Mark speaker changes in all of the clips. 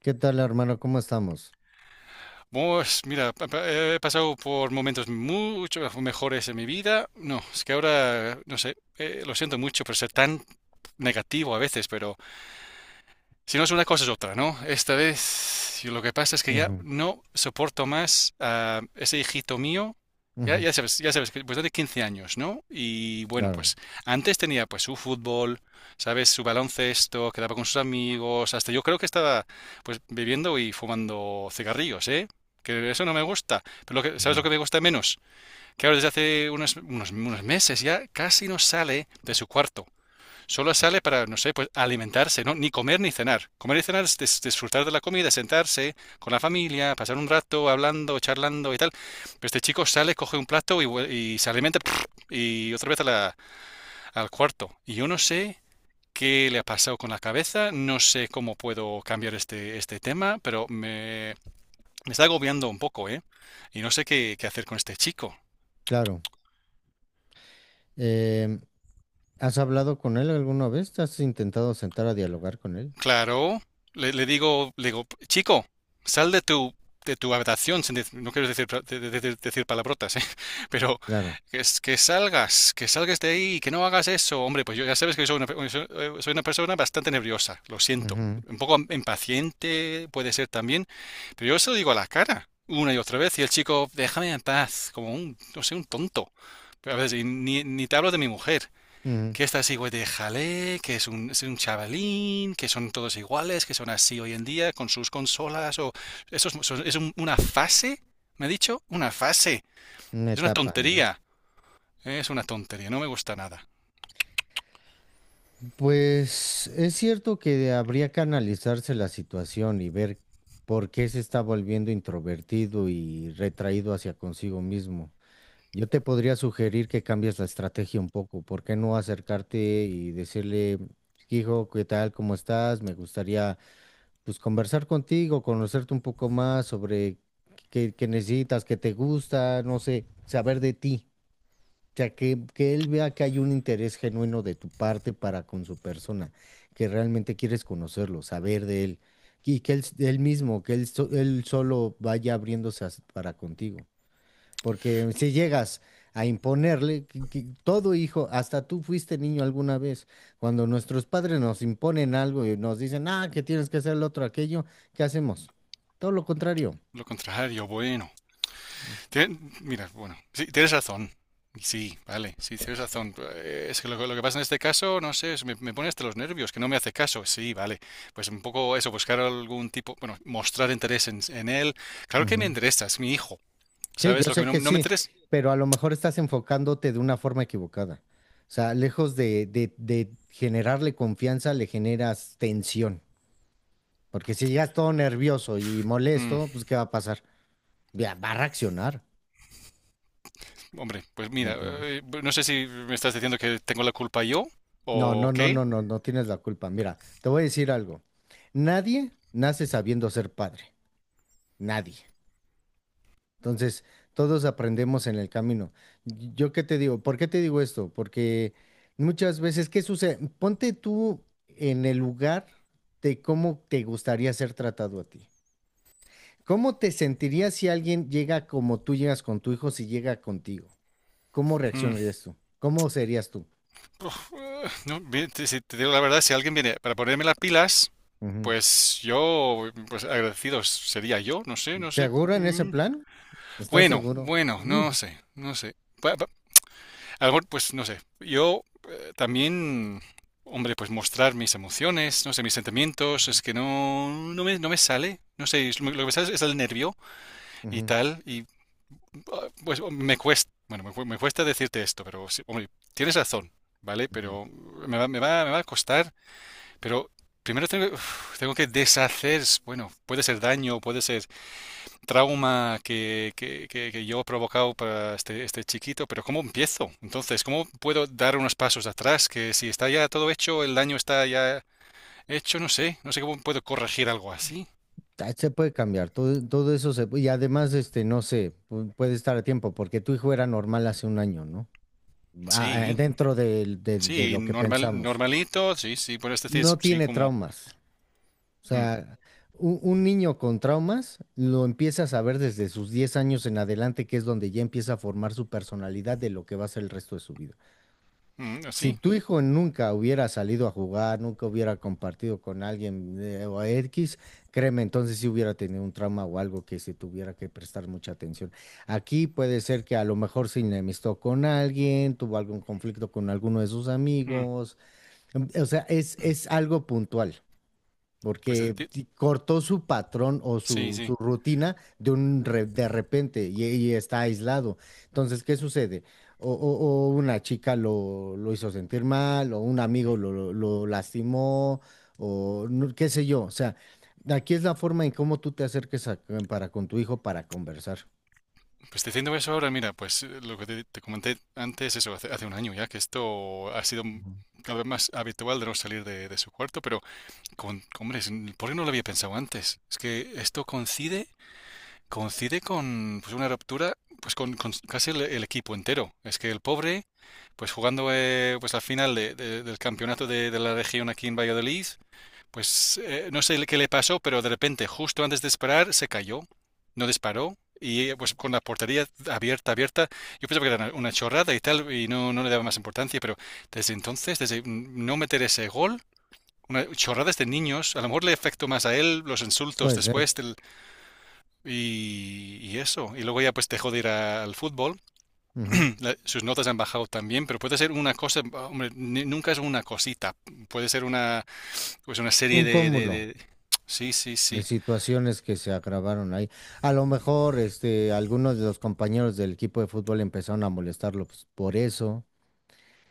Speaker 1: ¿Qué tal, hermano? ¿Cómo estamos?
Speaker 2: Pues mira, he pasado por momentos mucho mejores en mi vida. No, es que ahora, no sé, lo siento mucho por ser tan negativo a veces, pero si no es una cosa, es otra, ¿no? Esta vez yo lo que pasa es que ya
Speaker 1: Ujú,
Speaker 2: no soporto más a ese hijito mío. Ya,
Speaker 1: ujú,
Speaker 2: ya sabes, ya sabes, que pues tiene 15 años, ¿no? Y bueno,
Speaker 1: claro,
Speaker 2: pues antes tenía pues su fútbol, ¿sabes? Su baloncesto, quedaba con sus amigos, hasta yo creo que estaba pues bebiendo y fumando cigarrillos, ¿eh? Que eso no me gusta. Pero lo ¿sabes
Speaker 1: ujú,
Speaker 2: lo que me gusta menos? Que ahora desde hace unos meses ya casi no sale de su cuarto. Solo sale para, no sé, pues alimentarse, ¿no? Ni comer ni cenar. Comer y cenar es disfrutar de la comida, sentarse con la familia, pasar un rato hablando, charlando y tal. Pero este chico sale, coge un plato y y se alimenta y otra vez al cuarto. Y yo no sé qué le ha pasado con la cabeza, no sé cómo puedo cambiar este tema, pero me está agobiando un poco, ¿eh? Y no sé qué hacer con este chico.
Speaker 1: claro. Em, ¿Has hablado con él alguna vez? ¿Te has intentado sentar a dialogar con él?
Speaker 2: Claro, le digo, chico, sal de tu habitación, sin no quiero decir, decir palabrotas, ¿eh? Pero
Speaker 1: Claro.
Speaker 2: que salgas de ahí, que no hagas eso. Hombre, pues yo ya sabes que soy soy soy una persona bastante nerviosa, lo siento.
Speaker 1: Ujú,
Speaker 2: Un poco impaciente puede ser también, pero yo se lo digo a la cara una y otra vez y el chico, déjame en paz, como un, no sé, un tonto. Pero a veces, y ni te hablo de mi mujer
Speaker 1: ujú.
Speaker 2: que está así, güey, de jalé, que es es un chavalín, que son todos iguales, que son así hoy en día, con sus consolas, o... Eso es una fase, ¿me ha dicho? Una fase.
Speaker 1: Una
Speaker 2: Es una
Speaker 1: etapa, ¿no?
Speaker 2: tontería. Es una tontería, no me gusta nada.
Speaker 1: Pues es cierto que habría que analizarse la situación y ver por qué se está volviendo introvertido y retraído hacia consigo mismo. Yo te podría sugerir que cambies la estrategia un poco. ¿Por qué no acercarte y decirle, hijo, ¿qué tal? ¿Cómo estás? Me gustaría pues conversar contigo, conocerte un poco más sobre qué necesitas, qué te gusta, no sé, saber de ti. O sea, que él vea que hay un interés genuino de tu parte para con su persona, que realmente quieres conocerlo, saber de él, y que él mismo, él solo vaya para contigo. Porque si llegas a imponerle, que todo hijo, hasta tú fuiste niño alguna vez, cuando nuestros padres nos imponen algo y nos dicen, ah, que tienes que hacer lo otro, aquello, ¿qué hacemos? Todo lo contrario.
Speaker 2: Lo contrario, bueno. Mira, bueno, sí, tienes razón. Sí, vale, sí, tienes razón. Es que lo que pasa en este caso, no sé, me pone hasta los nervios, que no me hace caso. Sí, vale. Pues un poco eso, buscar algún tipo, bueno, mostrar interés en él. Claro que me
Speaker 1: Ujú.
Speaker 2: interesa, es mi hijo.
Speaker 1: Sí,
Speaker 2: ¿Sabes
Speaker 1: yo
Speaker 2: lo que
Speaker 1: sé que
Speaker 2: no me
Speaker 1: sí,
Speaker 2: interesa?
Speaker 1: pero a lo mejor estás enfocándote de una forma equivocada. O sea, lejos de generarle confianza, le generas tensión. Porque si llegas todo nervioso y
Speaker 2: Mm,
Speaker 1: molesto, pues ¿qué va a pasar? Ya, va a reaccionar,
Speaker 2: hombre, pues
Speaker 1: ¿me
Speaker 2: mira,
Speaker 1: entiendes?
Speaker 2: no sé si me estás diciendo que tengo la culpa yo o qué.
Speaker 1: No tienes la culpa. Mira, te voy a decir algo. Nadie nace sabiendo ser padre. Nadie. Entonces, todos aprendemos en el camino. ¿Yo qué te digo? ¿Por qué te digo esto? Porque muchas veces, ¿qué sucede? Ponte tú en el lugar de cómo te gustaría ser tratado a ti. ¿Cómo te sentirías si alguien llega como tú llegas con tu hijo, si llega contigo? ¿Cómo
Speaker 2: Mm,
Speaker 1: reaccionarías tú? ¿Cómo serías tú?
Speaker 2: no, bien, si te digo la verdad, si alguien viene para ponerme las pilas,
Speaker 1: Ujú.
Speaker 2: pues yo, pues agradecido sería yo, no sé, no sé.
Speaker 1: ¿Seguro en ese plan? ¿Estás
Speaker 2: Bueno,
Speaker 1: seguro?
Speaker 2: bueno, no sé, no sé. Pa- pa- A lo mejor, pues no sé. Yo también, hombre, pues mostrar mis emociones, no sé, mis sentimientos, es que no, no no me sale. No sé, es lo que me sale es el nervio y
Speaker 1: Ujú,
Speaker 2: tal. Pues me cuesta, bueno, me cuesta decirte esto, pero sí, hombre, tienes razón, ¿vale?
Speaker 1: ujú.
Speaker 2: Pero me va a costar, pero primero tengo, uf, tengo que deshacer, bueno, puede ser daño, puede ser trauma que yo he provocado para este chiquito, pero ¿cómo empiezo? Entonces, ¿cómo puedo dar unos pasos atrás? Que si está ya todo hecho, el daño está ya hecho, no sé, no sé cómo puedo corregir algo así.
Speaker 1: Ah, se puede cambiar, todo eso se puede, y además, este, no sé, puede estar a tiempo, porque tu hijo era normal hace un año, ¿no? Ah, ah,
Speaker 2: Sí,
Speaker 1: de
Speaker 2: sí,
Speaker 1: lo que
Speaker 2: normal,
Speaker 1: pensamos.
Speaker 2: normalito, sí, sí, puedes decir,
Speaker 1: No
Speaker 2: sí,
Speaker 1: tiene
Speaker 2: como,
Speaker 1: traumas. O
Speaker 2: mm,
Speaker 1: sea, un niño con traumas lo empiezas a ver desde sus 10 años en adelante, que es donde ya empieza a formar su personalidad de lo que va a ser el resto de su vida.
Speaker 2: mm,
Speaker 1: Si
Speaker 2: así.
Speaker 1: tu hijo nunca hubiera salido a jugar, nunca hubiera compartido con alguien o X, créeme, entonces sí hubiera tenido un trauma o algo que se tuviera que prestar mucha atención. Aquí puede ser que a lo mejor se enemistó con alguien, tuvo algún conflicto con alguno de sus
Speaker 2: Mm,
Speaker 1: amigos. O sea, es algo puntual
Speaker 2: pues
Speaker 1: porque cortó su patrón o
Speaker 2: sí, sí.
Speaker 1: su rutina de repente y está aislado. Entonces, ¿qué sucede? O una chica lo hizo sentir mal, o un amigo lo lastimó, o no- qué sé yo. O sea, aquí es la forma en cómo tú te acerques a- para con tu hijo para conversar.
Speaker 2: Pues te diciendo eso ahora, mira, pues lo que te comenté antes, eso, hace 1 año ya, que esto ha sido
Speaker 1: Ujú.
Speaker 2: cada vez más habitual de no salir de su cuarto, pero, con, hombre, ¿por qué no lo había pensado antes? Es que esto coincide, coincide con pues, una ruptura, pues con casi el equipo entero. Es que el pobre, pues jugando pues la final del campeonato de la región aquí en Valladolid, Pues no sé qué le pasó, pero de repente, justo antes de disparar, se cayó, no disparó. Y pues con la portería abierta, abierta, yo pensaba que era una chorrada y tal, y no, no le daba más importancia, pero desde entonces, desde no meter ese gol, una, chorradas de niños, a lo mejor le afectó más a él los insultos
Speaker 1: Puede ser.
Speaker 2: después del, y eso. Y luego ya pues dejó de ir al fútbol,
Speaker 1: Ujú.
Speaker 2: Sus notas han bajado también, pero puede ser una cosa, hombre, nunca es una cosita, puede ser una pues una serie
Speaker 1: Un
Speaker 2: de, de,
Speaker 1: cúmulo
Speaker 2: de- Sí, sí,
Speaker 1: de
Speaker 2: sí.
Speaker 1: situaciones que se agravaron ahí. A lo mejor, este, algunos de los compañeros del equipo de fútbol empezaron a molestarlo, pues, por eso,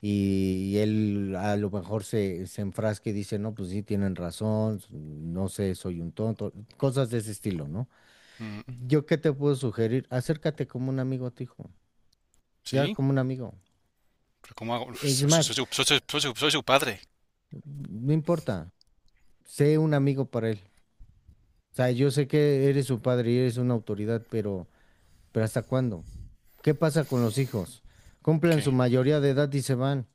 Speaker 1: y él a lo mejor se enfrasca y dice, no, pues sí, tienen razón, no sé, soy un tonto, cosas de ese estilo, ¿no?
Speaker 2: Mm,
Speaker 1: ¿Yo qué te puedo sugerir? Acércate como un amigo a tu hijo, ya
Speaker 2: ¿sí?
Speaker 1: como un amigo.
Speaker 2: ¿Pero cómo hago?
Speaker 1: Es más,
Speaker 2: Soy su padre.
Speaker 1: no importa, sé un amigo para él. O sea, yo sé que eres su padre y eres una autoridad, pero ¿hasta cuándo? ¿Qué pasa con los hijos? Cumplen su
Speaker 2: ¿Qué?
Speaker 1: mayoría de edad y se van,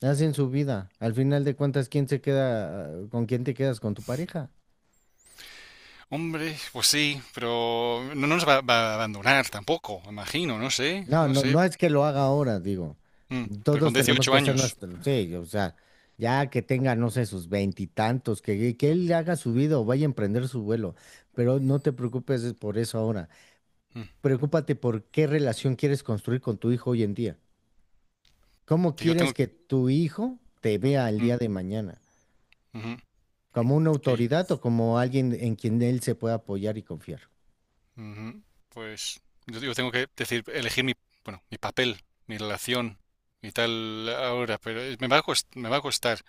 Speaker 1: hacen su vida. Al final de cuentas, ¿quién se queda, con quién te quedas con tu pareja?
Speaker 2: Hombre, pues sí, pero no, va a abandonar tampoco, me imagino, no sé,
Speaker 1: No,
Speaker 2: no
Speaker 1: no,
Speaker 2: sé.
Speaker 1: no es que lo haga ahora, digo.
Speaker 2: Mm, pero con
Speaker 1: Todos tenemos
Speaker 2: 18
Speaker 1: que hacer
Speaker 2: años,
Speaker 1: nuestro, sí, o sea, ya que tenga, no sé, sus veintitantos, que él haga su vida o vaya a emprender su vuelo, pero no te preocupes es por eso ahora.
Speaker 2: mm,
Speaker 1: Preocúpate por qué relación quieres construir con tu hijo hoy en día. ¿Cómo
Speaker 2: que yo
Speaker 1: quieres
Speaker 2: tengo...
Speaker 1: que tu hijo te vea el
Speaker 2: mm,
Speaker 1: día de mañana?
Speaker 2: ujú,
Speaker 1: Como una
Speaker 2: que,
Speaker 1: autoridad o como alguien en quien él se pueda apoyar y confiar.
Speaker 2: ujú, pues yo tengo que decir, elegir bueno, mi papel, mi relación y tal ahora, pero me va a costar.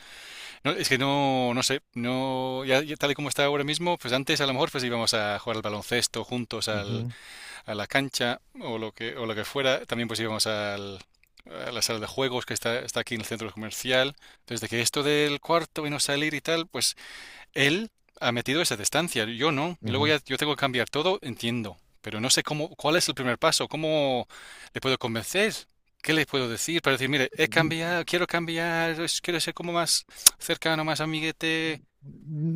Speaker 2: No, es que no, no sé, no, ya, ya tal y como está ahora mismo, pues antes a lo mejor pues íbamos a jugar al baloncesto juntos al,
Speaker 1: Ujú,
Speaker 2: a la cancha o o lo que fuera, también pues íbamos al, a la sala de juegos está aquí en el centro comercial, desde que esto del cuarto y no salir y tal, pues él ha metido esa distancia, yo no, y luego
Speaker 1: ujú.
Speaker 2: ya yo tengo que cambiar todo, entiendo, pero no sé cómo, cuál es el primer paso, cómo le puedo convencer, qué le puedo decir para decir, mire, he
Speaker 1: N-
Speaker 2: cambiado, quiero cambiar, quiero ser como más cercano, más amiguete.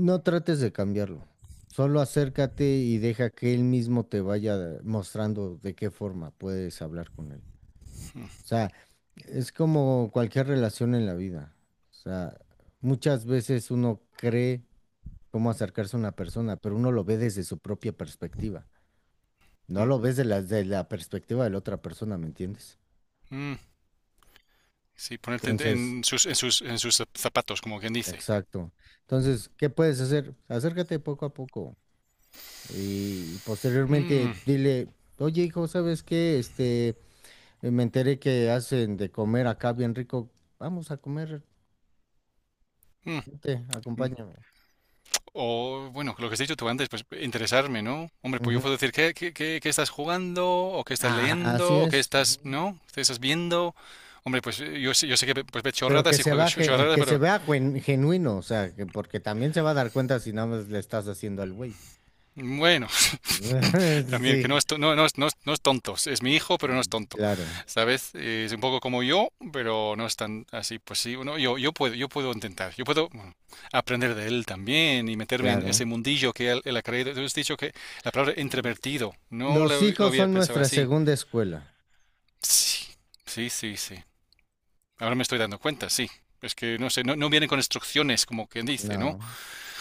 Speaker 1: No trates de cambiarlo, solo acércate y deja que él mismo te vaya mostrando de qué forma puedes hablar con él.
Speaker 2: Mm,
Speaker 1: O sea, es como cualquier relación en la vida. O sea, muchas veces uno cree cómo acercarse a una persona, pero uno lo ve desde su propia perspectiva. No
Speaker 2: mm,
Speaker 1: lo ves de la perspectiva de la otra persona, ¿me entiendes?
Speaker 2: mm. Sí, ponerte
Speaker 1: Entonces,
Speaker 2: en sus, en sus, en sus zapatos, como quien dice.
Speaker 1: exacto. Entonces, ¿qué puedes hacer? Acércate poco a poco y
Speaker 2: Mm,
Speaker 1: posteriormente dile, oye hijo, ¿sabes qué? Este, me enteré que hacen de comer acá bien rico. Vamos a comer,
Speaker 2: mm,
Speaker 1: vente,
Speaker 2: mm.
Speaker 1: acompáñame.
Speaker 2: O, bueno, lo que has dicho tú antes, pues interesarme, ¿no? Hombre, pues yo
Speaker 1: Ujú.
Speaker 2: puedo decir, ¿qué estás jugando? ¿O qué estás
Speaker 1: Ah, así
Speaker 2: leyendo? ¿O qué
Speaker 1: es.
Speaker 2: estás,
Speaker 1: Ujú.
Speaker 2: ¿no? ¿Qué estás viendo? Hombre, pues yo sé pues, ve
Speaker 1: Pero que
Speaker 2: chorradas y
Speaker 1: se
Speaker 2: juego
Speaker 1: vea,
Speaker 2: chorradas, pero
Speaker 1: genuino, o sea, porque también se va a dar cuenta si nada más le estás haciendo al güey.
Speaker 2: bueno, También, que
Speaker 1: Sí,
Speaker 2: no, no es tonto. Es mi hijo, pero no es tonto.
Speaker 1: claro,
Speaker 2: ¿Sabes? Es un poco como yo, pero no es tan así. Pues sí, uno, yo, yo puedo intentar. Yo puedo bueno, aprender de él también y meterme en
Speaker 1: claro.
Speaker 2: ese mundillo él ha creído. Tú has dicho que la palabra introvertido, no
Speaker 1: Los
Speaker 2: lo, lo
Speaker 1: hijos
Speaker 2: había
Speaker 1: son
Speaker 2: pensado
Speaker 1: nuestra
Speaker 2: así.
Speaker 1: segunda escuela.
Speaker 2: Sí, sí. Ahora me estoy dando cuenta, sí. Es que no sé, no, no vienen con instrucciones, como quien
Speaker 1: No,
Speaker 2: dice, ¿no?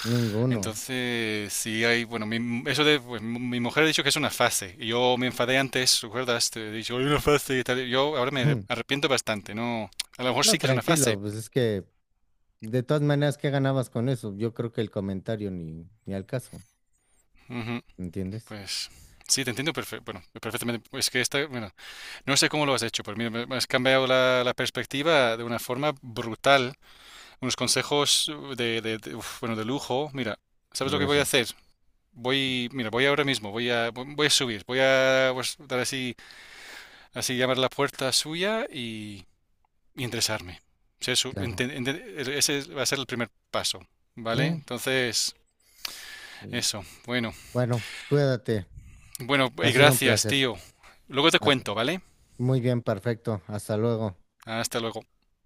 Speaker 1: ninguno.
Speaker 2: Entonces, sí hay, bueno, eso de, pues, mi mujer ha dicho que es una fase, y yo me enfadé antes, ¿recuerdas? Te he dicho, hay una fase y tal, yo ahora me arrepiento bastante, ¿no? A lo mejor
Speaker 1: No,
Speaker 2: sí que es una fase.
Speaker 1: tranquilo, pues es que de todas maneras, ¿qué ganabas con eso? Yo creo que el comentario ni al caso,
Speaker 2: Ujú,
Speaker 1: ¿entiendes?
Speaker 2: pues, sí, te entiendo bueno, perfectamente, es que esta, bueno, no sé cómo lo has hecho, pero mira, me has cambiado la perspectiva de una forma brutal, unos consejos uf, bueno, de lujo, mira, ¿sabes lo que voy a
Speaker 1: Gracias,
Speaker 2: hacer? Voy, mira, voy ahora mismo, voy a subir, voy a pues, dar así Así llamar a la puerta suya y enderezarme. O sea,
Speaker 1: claro.
Speaker 2: enten- ese va a ser el primer paso, ¿vale?
Speaker 1: Sí.
Speaker 2: Entonces,
Speaker 1: Mm,
Speaker 2: eso. Bueno,
Speaker 1: bueno, cuídate.
Speaker 2: bueno,
Speaker 1: Ha
Speaker 2: y
Speaker 1: sido un
Speaker 2: gracias,
Speaker 1: placer.
Speaker 2: tío. Luego te
Speaker 1: Ah,
Speaker 2: cuento, ¿vale?
Speaker 1: muy bien, perfecto. Hasta luego.
Speaker 2: Hasta luego.